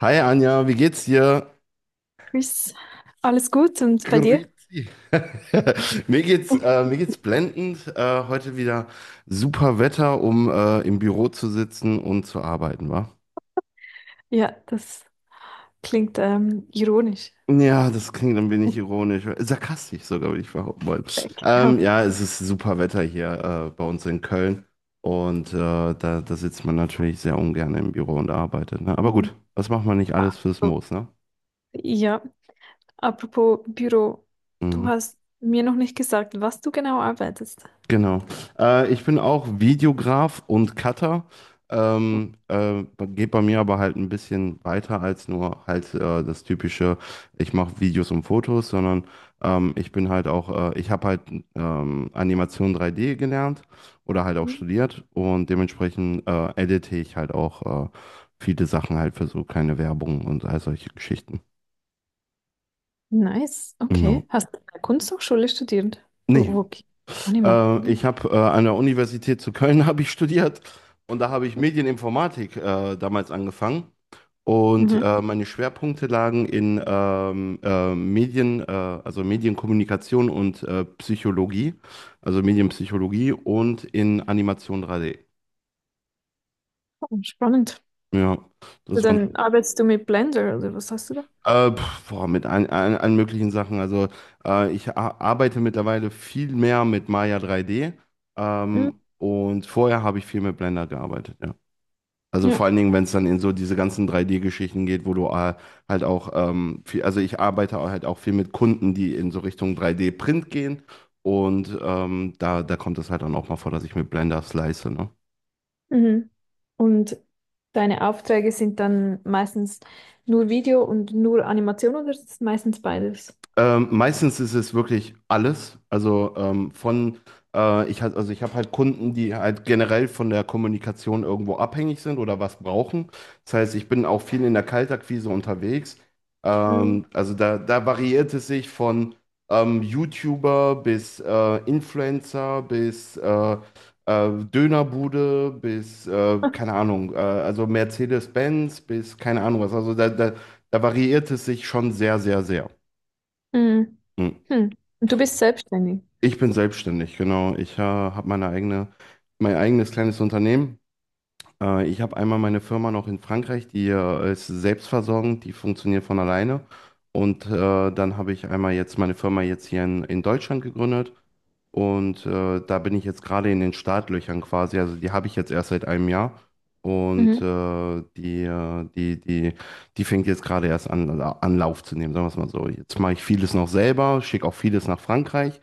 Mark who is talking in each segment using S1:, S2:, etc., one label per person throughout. S1: Hi Anja, wie geht's dir?
S2: Tschüss. Alles gut und bei dir?
S1: Grüezi. Mir geht's blendend. Heute wieder super Wetter, um im Büro zu sitzen und zu arbeiten, wa?
S2: Ja, das klingt ironisch.
S1: Ja, das klingt ein wenig ironisch, sarkastisch sogar, würde ich behaupten wollen.
S2: Genau.
S1: Ja, es ist super Wetter hier bei uns in Köln und da sitzt man natürlich sehr ungern im Büro und arbeitet, ne? Aber gut,
S2: Mhm.
S1: was macht man nicht
S2: Ah,
S1: alles fürs
S2: so.
S1: Moos, ne?
S2: Ja, apropos Büro, du
S1: Mhm.
S2: hast mir noch nicht gesagt, was du genau arbeitest.
S1: Genau. Ich bin auch Videograf und Cutter. Ähm, äh, Geht bei mir aber halt ein bisschen weiter als nur halt das typische, ich mache Videos und Fotos, sondern ich bin halt auch, ich habe halt Animation 3D gelernt oder halt auch
S2: Mhm.
S1: studiert und dementsprechend edite ich halt auch viele Sachen halt für so kleine Werbung und all solche Geschichten.
S2: Nice,
S1: Ja.
S2: okay. Hast du an der Kunsthochschule studiert?
S1: Nee,
S2: Oh, okay. Ah, niemand. Mhm.
S1: Ich habe an der Universität zu Köln habe ich studiert und da habe ich Medieninformatik damals angefangen. Und
S2: Mhm.
S1: meine Schwerpunkte lagen in Medien, also Medienkommunikation und Psychologie, also Medienpsychologie und in Animation 3D.
S2: Oh, spannend.
S1: Ja,
S2: Also
S1: das
S2: dann
S1: waren
S2: arbeitest du mit Blender oder was hast du da?
S1: so, mit allen möglichen Sachen. Also ich arbeite mittlerweile viel mehr mit Maya 3D,
S2: Mhm.
S1: und vorher habe ich viel mit Blender gearbeitet, ja. Also vor
S2: Ja.
S1: allen Dingen, wenn es dann in so diese ganzen 3D-Geschichten geht, wo du halt auch also ich arbeite auch halt auch viel mit Kunden, die in so Richtung 3D-Print gehen. Und da kommt es halt dann auch mal vor, dass ich mit Blender slice, ne?
S2: Mhm. Und deine Aufträge sind dann meistens nur Video und nur Animation oder ist es meistens beides?
S1: Meistens ist es wirklich alles. Also ich halt, also ich habe halt Kunden, die halt generell von der Kommunikation irgendwo abhängig sind oder was brauchen. Das heißt, ich bin auch viel in der Kaltakquise unterwegs.
S2: Mhm.
S1: Also da variiert es sich von YouTuber bis Influencer bis Dönerbude bis, keine Ahnung, also Mercedes-Benz bis keine Ahnung was. Also da variiert es sich schon sehr, sehr, sehr.
S2: Mhm.
S1: Hm.
S2: Hm. Und du bist selbstständig.
S1: Ich bin selbstständig, genau. Ich habe meine eigene, mein eigenes kleines Unternehmen. Ich habe einmal meine Firma noch in Frankreich, die ist selbstversorgend, die funktioniert von alleine. Und dann habe ich einmal jetzt meine Firma jetzt hier in Deutschland gegründet. Und da bin ich jetzt gerade in den Startlöchern quasi. Also die habe ich jetzt erst seit einem Jahr. Und
S2: Mhm.
S1: die fängt jetzt gerade erst an, also an Lauf zu nehmen, sagen wir es mal so. Jetzt mache ich vieles noch selber, schicke auch vieles nach Frankreich,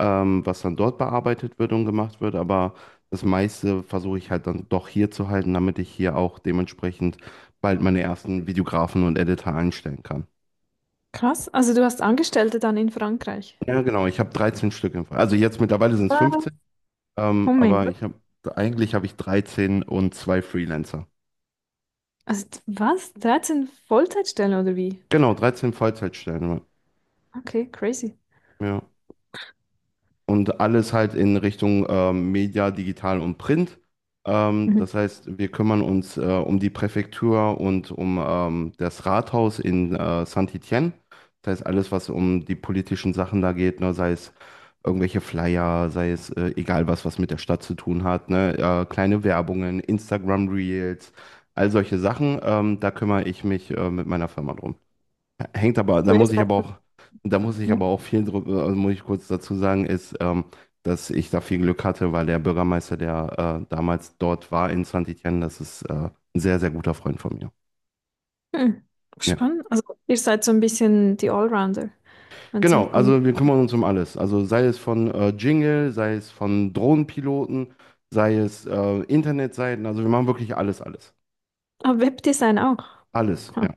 S1: was dann dort bearbeitet wird und gemacht wird. Aber das meiste versuche ich halt dann doch hier zu halten, damit ich hier auch dementsprechend bald meine ersten Videografen und Editor einstellen kann.
S2: Krass. Also du hast Angestellte dann in Frankreich.
S1: Ja, genau, ich habe 13 Stück im Fall. Also jetzt mittlerweile sind es
S2: Was?
S1: 15,
S2: Oh mein
S1: aber
S2: Gott.
S1: ich habe eigentlich habe ich 13 und zwei Freelancer.
S2: Also was? 13 Vollzeitstellen oder wie?
S1: Genau, 13 Vollzeitstellen.
S2: Okay, crazy.
S1: Ja. Und alles halt in Richtung Media, Digital und Print.
S2: Mhm.
S1: Das heißt, wir kümmern uns um die Präfektur und um das Rathaus in Saint-Étienne. Das heißt, alles, was um die politischen Sachen da geht, ne, sei es irgendwelche Flyer, sei es egal was, was mit der Stadt zu tun hat, ne, kleine Werbungen, Instagram Reels, all solche Sachen, da kümmere ich mich mit meiner Firma drum. Hängt aber,
S2: So ihr seid
S1: da muss ich aber
S2: ja.
S1: auch viel drüber, also muss ich kurz dazu sagen, ist, dass ich da viel Glück hatte, weil der Bürgermeister, der damals dort war in Saint-Étienne, das ist ein sehr, sehr guter Freund von mir.
S2: Hm.
S1: Ja.
S2: Spannend. Also ihr seid so ein bisschen die Allrounder, wenn es
S1: Genau,
S2: um Comic.
S1: also wir kümmern uns um alles. Also sei es von Jingle, sei es von Drohnenpiloten, sei es Internetseiten, also wir machen wirklich alles, alles.
S2: Ah, Webdesign auch.
S1: Alles, ja.
S2: Ha,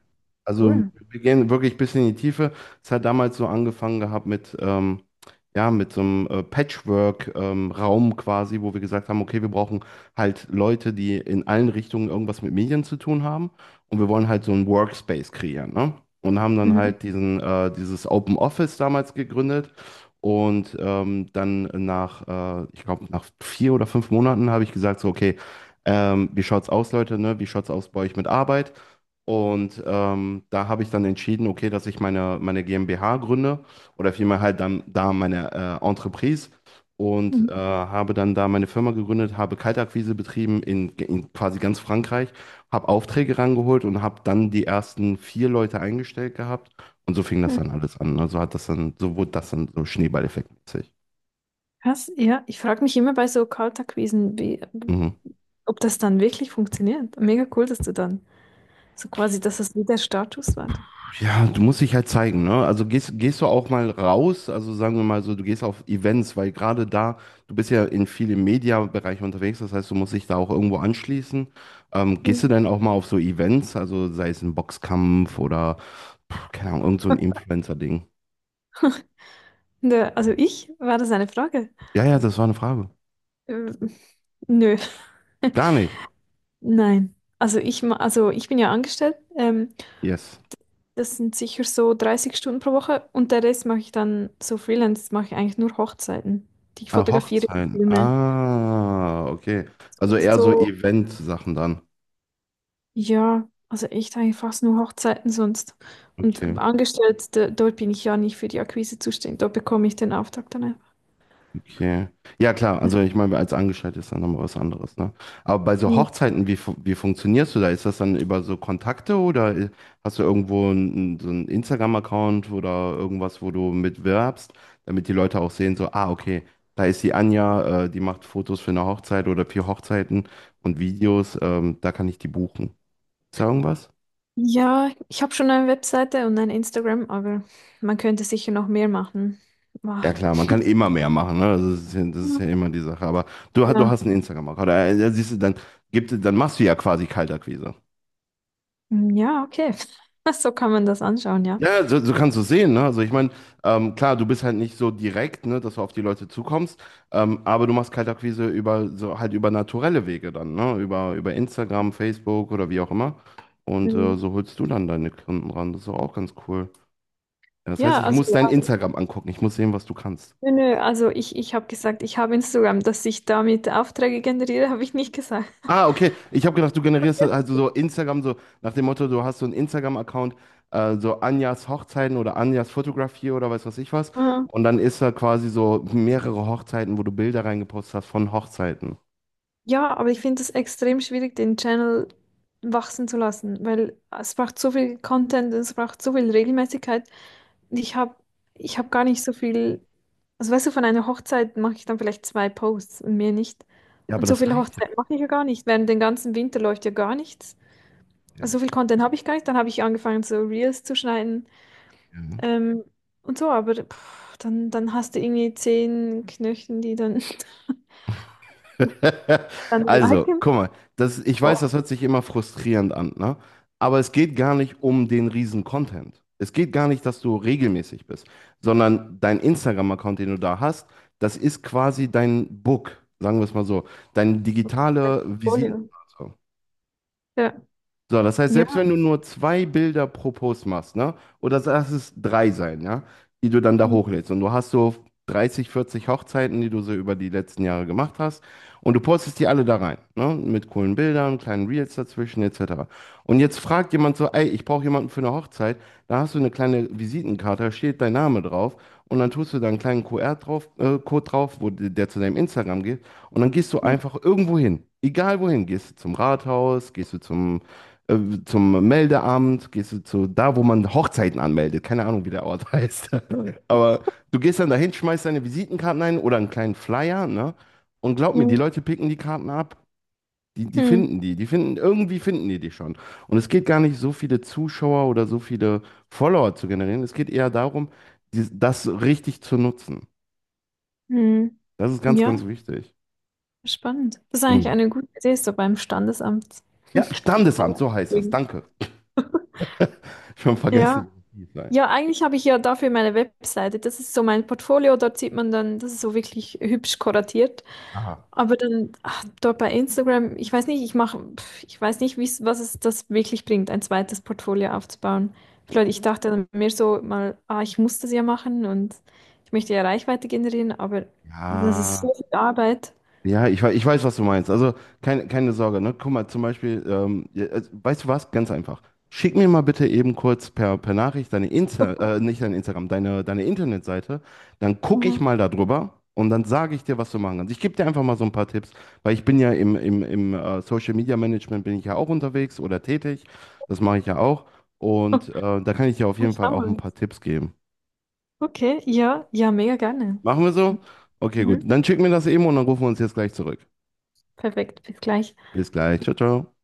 S1: Also
S2: cool.
S1: wir gehen wirklich ein bisschen in die Tiefe. Es hat damals so angefangen gehabt mit, ja, mit so einem Patchwork-Raum quasi, wo wir gesagt haben, okay, wir brauchen halt Leute, die in allen Richtungen irgendwas mit Medien zu tun haben und wir wollen halt so einen Workspace kreieren, ne? Und haben dann
S2: Mhm.
S1: halt dieses Open Office damals gegründet und ich glaube, nach vier oder fünf Monaten habe ich gesagt, so, okay, wie schaut's aus, Leute, ne? Wie schaut's aus bei euch mit Arbeit? Und da habe ich dann entschieden, okay, dass ich meine GmbH gründe oder vielmehr halt dann da meine Entreprise, und
S2: Mhm.
S1: habe dann da meine Firma gegründet, habe Kaltakquise betrieben in quasi ganz Frankreich, habe Aufträge rangeholt und habe dann die ersten vier Leute eingestellt gehabt und so fing das dann alles an. Also hat das dann, so wurde das dann so schneeballeffektmäßig.
S2: Krass, ja. Ich frage mich immer bei so Kaltakquisen, wie,
S1: Mhm.
S2: ob das dann wirklich funktioniert. Mega cool, dass du dann so quasi, dass das wieder Status war.
S1: Ja, du musst dich halt zeigen, ne? Also gehst du auch mal raus, also sagen wir mal so, du gehst auf Events, weil gerade da, du bist ja in vielen Media-Bereichen unterwegs, das heißt, du musst dich da auch irgendwo anschließen. Gehst du
S2: Mhm.
S1: denn auch mal auf so Events, also sei es ein Boxkampf oder, keine Ahnung, irgend so ein Influencer-Ding?
S2: Nö, also ich, war das eine Frage?
S1: Ja, ja, das war eine Frage.
S2: Ähm, nö,
S1: Gar nicht.
S2: nein. Also also ich bin ja angestellt.
S1: Yes.
S2: Das sind sicher so 30 Stunden pro Woche und der Rest mache ich dann so Freelance, mache ich eigentlich nur Hochzeiten, die ich
S1: Ah,
S2: fotografiere und
S1: Hochzeiten.
S2: filme.
S1: Ah, okay. Also eher so
S2: So
S1: Event-Sachen dann.
S2: ja, also echt eigentlich fast nur Hochzeiten sonst. Und
S1: Okay.
S2: angestellt, da, dort bin ich ja nicht für die Akquise zuständig. Dort bekomme ich den Auftrag dann einfach.
S1: Okay. Ja, klar.
S2: Das-
S1: Also ich meine, als Angestellter ist dann nochmal was anderes, ne? Aber bei so Hochzeiten, wie funktionierst du da? Ist das dann über so Kontakte oder hast du irgendwo so einen Instagram-Account oder irgendwas, wo du mitwirbst, damit die Leute auch sehen, so, ah, okay, da ist die Anja, die macht Fotos für eine Hochzeit oder für Hochzeiten und Videos, da kann ich die buchen. Ist da irgendwas?
S2: ja, ich habe schon eine Webseite und ein Instagram, aber man könnte sicher noch mehr machen. Ah,
S1: Ja klar, man kann immer mehr machen, ne? Das ist ja immer die Sache. Aber du
S2: ja,
S1: hast einen Instagram-Account. Da siehst du, dann machst du ja quasi Kaltakquise.
S2: hm, ja, okay. So kann man das anschauen, ja.
S1: Ja, so kannst du es sehen, ne? Also ich meine, klar, du bist halt nicht so direkt, ne, dass du auf die Leute zukommst, aber du machst Kaltakquise über so halt über naturelle Wege dann, ne? Über Instagram, Facebook oder wie auch immer. Und
S2: Hm,
S1: so holst du dann deine Kunden ran. Das ist doch auch ganz cool. Ja, das heißt,
S2: ja,
S1: ich
S2: also
S1: muss dein
S2: ja.
S1: Instagram angucken. Ich muss sehen, was du kannst.
S2: Nö, nö, also ich habe gesagt, ich habe Instagram, dass ich damit Aufträge generiere, habe ich nicht gesagt.
S1: Ah, okay. Ich habe gedacht, also so Instagram, so nach dem Motto, du hast so einen Instagram-Account, so Anjas Hochzeiten oder Anjas Fotografie oder weiß was ich was. Und dann ist da quasi so mehrere Hochzeiten, wo du Bilder reingepostet hast von Hochzeiten.
S2: Ja, aber ich finde es extrem schwierig, den Channel wachsen zu lassen, weil es braucht so viel Content, es braucht so viel Regelmäßigkeit. Ich habe ich hab gar nicht so viel, also weißt du, von einer Hochzeit mache ich dann vielleicht 2 Posts und mehr nicht.
S1: Ja, aber
S2: Und so
S1: das
S2: viele
S1: reicht ja.
S2: Hochzeiten mache ich ja gar nicht. Während den ganzen Winter läuft ja gar nichts.
S1: Ja.
S2: Also so viel Content habe ich gar nicht. Dann habe ich angefangen, so Reels zu schneiden
S1: Ja.
S2: ähm, und so, aber pff, dann hast du irgendwie 10 Knöchen, die dann, dann
S1: Also,
S2: liken.
S1: guck mal, das, ich weiß,
S2: Boah,
S1: das hört sich immer frustrierend an, ne? Aber es geht gar nicht um den riesen Content. Es geht gar nicht, dass du regelmäßig bist, sondern dein Instagram-Account, den du da hast, das ist quasi dein Book, sagen wir es mal so, deine
S2: ein
S1: digitale Visitenkarte.
S2: Portfolio. Ja.
S1: So, das heißt, selbst
S2: Ja.
S1: wenn du nur zwei Bilder pro Post machst, ne? Oder lass es drei sein, ja? Die du dann da
S2: Mhm.
S1: hochlädst. Und du hast so 30, 40 Hochzeiten, die du so über die letzten Jahre gemacht hast. Und du postest die alle da rein, ne? Mit coolen Bildern, kleinen Reels dazwischen, etc. Und jetzt fragt jemand so, ey, ich brauche jemanden für eine Hochzeit. Da hast du eine kleine Visitenkarte, da steht dein Name drauf. Und dann tust du da einen kleinen QR-Code drauf, Code drauf, der zu deinem Instagram geht. Und dann gehst du einfach irgendwo hin. Egal wohin. Gehst du zum Rathaus, gehst du zum äh, zum Meldeamt, gehst du zu da, wo man Hochzeiten anmeldet. Keine Ahnung, wie der Ort heißt. Aber du gehst dann dahin, schmeißt deine Visitenkarten ein oder einen kleinen Flyer, ne? Und glaub mir, die
S2: Mhm.
S1: Leute picken die Karten ab.
S2: Hm.
S1: Die finden, irgendwie finden die dich schon. Und es geht gar nicht so viele Zuschauer oder so viele Follower zu generieren. Es geht eher darum, das richtig zu nutzen.
S2: Hm.
S1: Das ist ganz,
S2: Ja,
S1: ganz wichtig.
S2: spannend. Das ist eigentlich
S1: Mhm.
S2: eine gute Idee, so beim Standesamt
S1: Ja, Standesamt, so heißt das.
S2: einzubringen.
S1: Danke. Schon vergessen,
S2: Ja.
S1: wie das hieß. Nein.
S2: Ja, eigentlich habe ich ja dafür meine Webseite. Das ist so mein Portfolio, dort sieht man dann, das ist so wirklich hübsch kuratiert.
S1: Aha.
S2: Aber dann ach, dort bei Instagram, ich weiß nicht, ich mache, pf, ich weiß nicht, wie's, was es das wirklich bringt, ein zweites Portfolio aufzubauen. Vielleicht, ich dachte dann mehr so mal, ah, ich muss das ja machen und ich möchte ja Reichweite generieren, aber das ist
S1: Ja.
S2: so viel Arbeit.
S1: Ja, ich weiß, was du meinst. Also keine Sorge, ne? Guck mal, zum Beispiel, ja, also, weißt du was? Ganz einfach. Schick mir mal bitte eben kurz per Nachricht deine nicht dein Instagram, deine Internetseite. Dann gucke ich
S2: Mhm.
S1: mal darüber und dann sage ich dir, was du machen kannst. Ich gebe dir einfach mal so ein paar Tipps, weil ich bin ja im Social Media Management bin ich ja auch unterwegs oder tätig. Das mache ich ja auch. Und da kann ich dir auf
S2: Ach,
S1: jeden Fall auch ein
S2: damals.
S1: paar Tipps geben.
S2: Okay, ja, ja, mega gerne.
S1: Machen wir so? Okay, gut.
S2: Mhm.
S1: Dann schick mir das eben und dann rufen wir uns jetzt gleich zurück.
S2: Perfekt, bis gleich.
S1: Bis gleich. Ciao, ciao.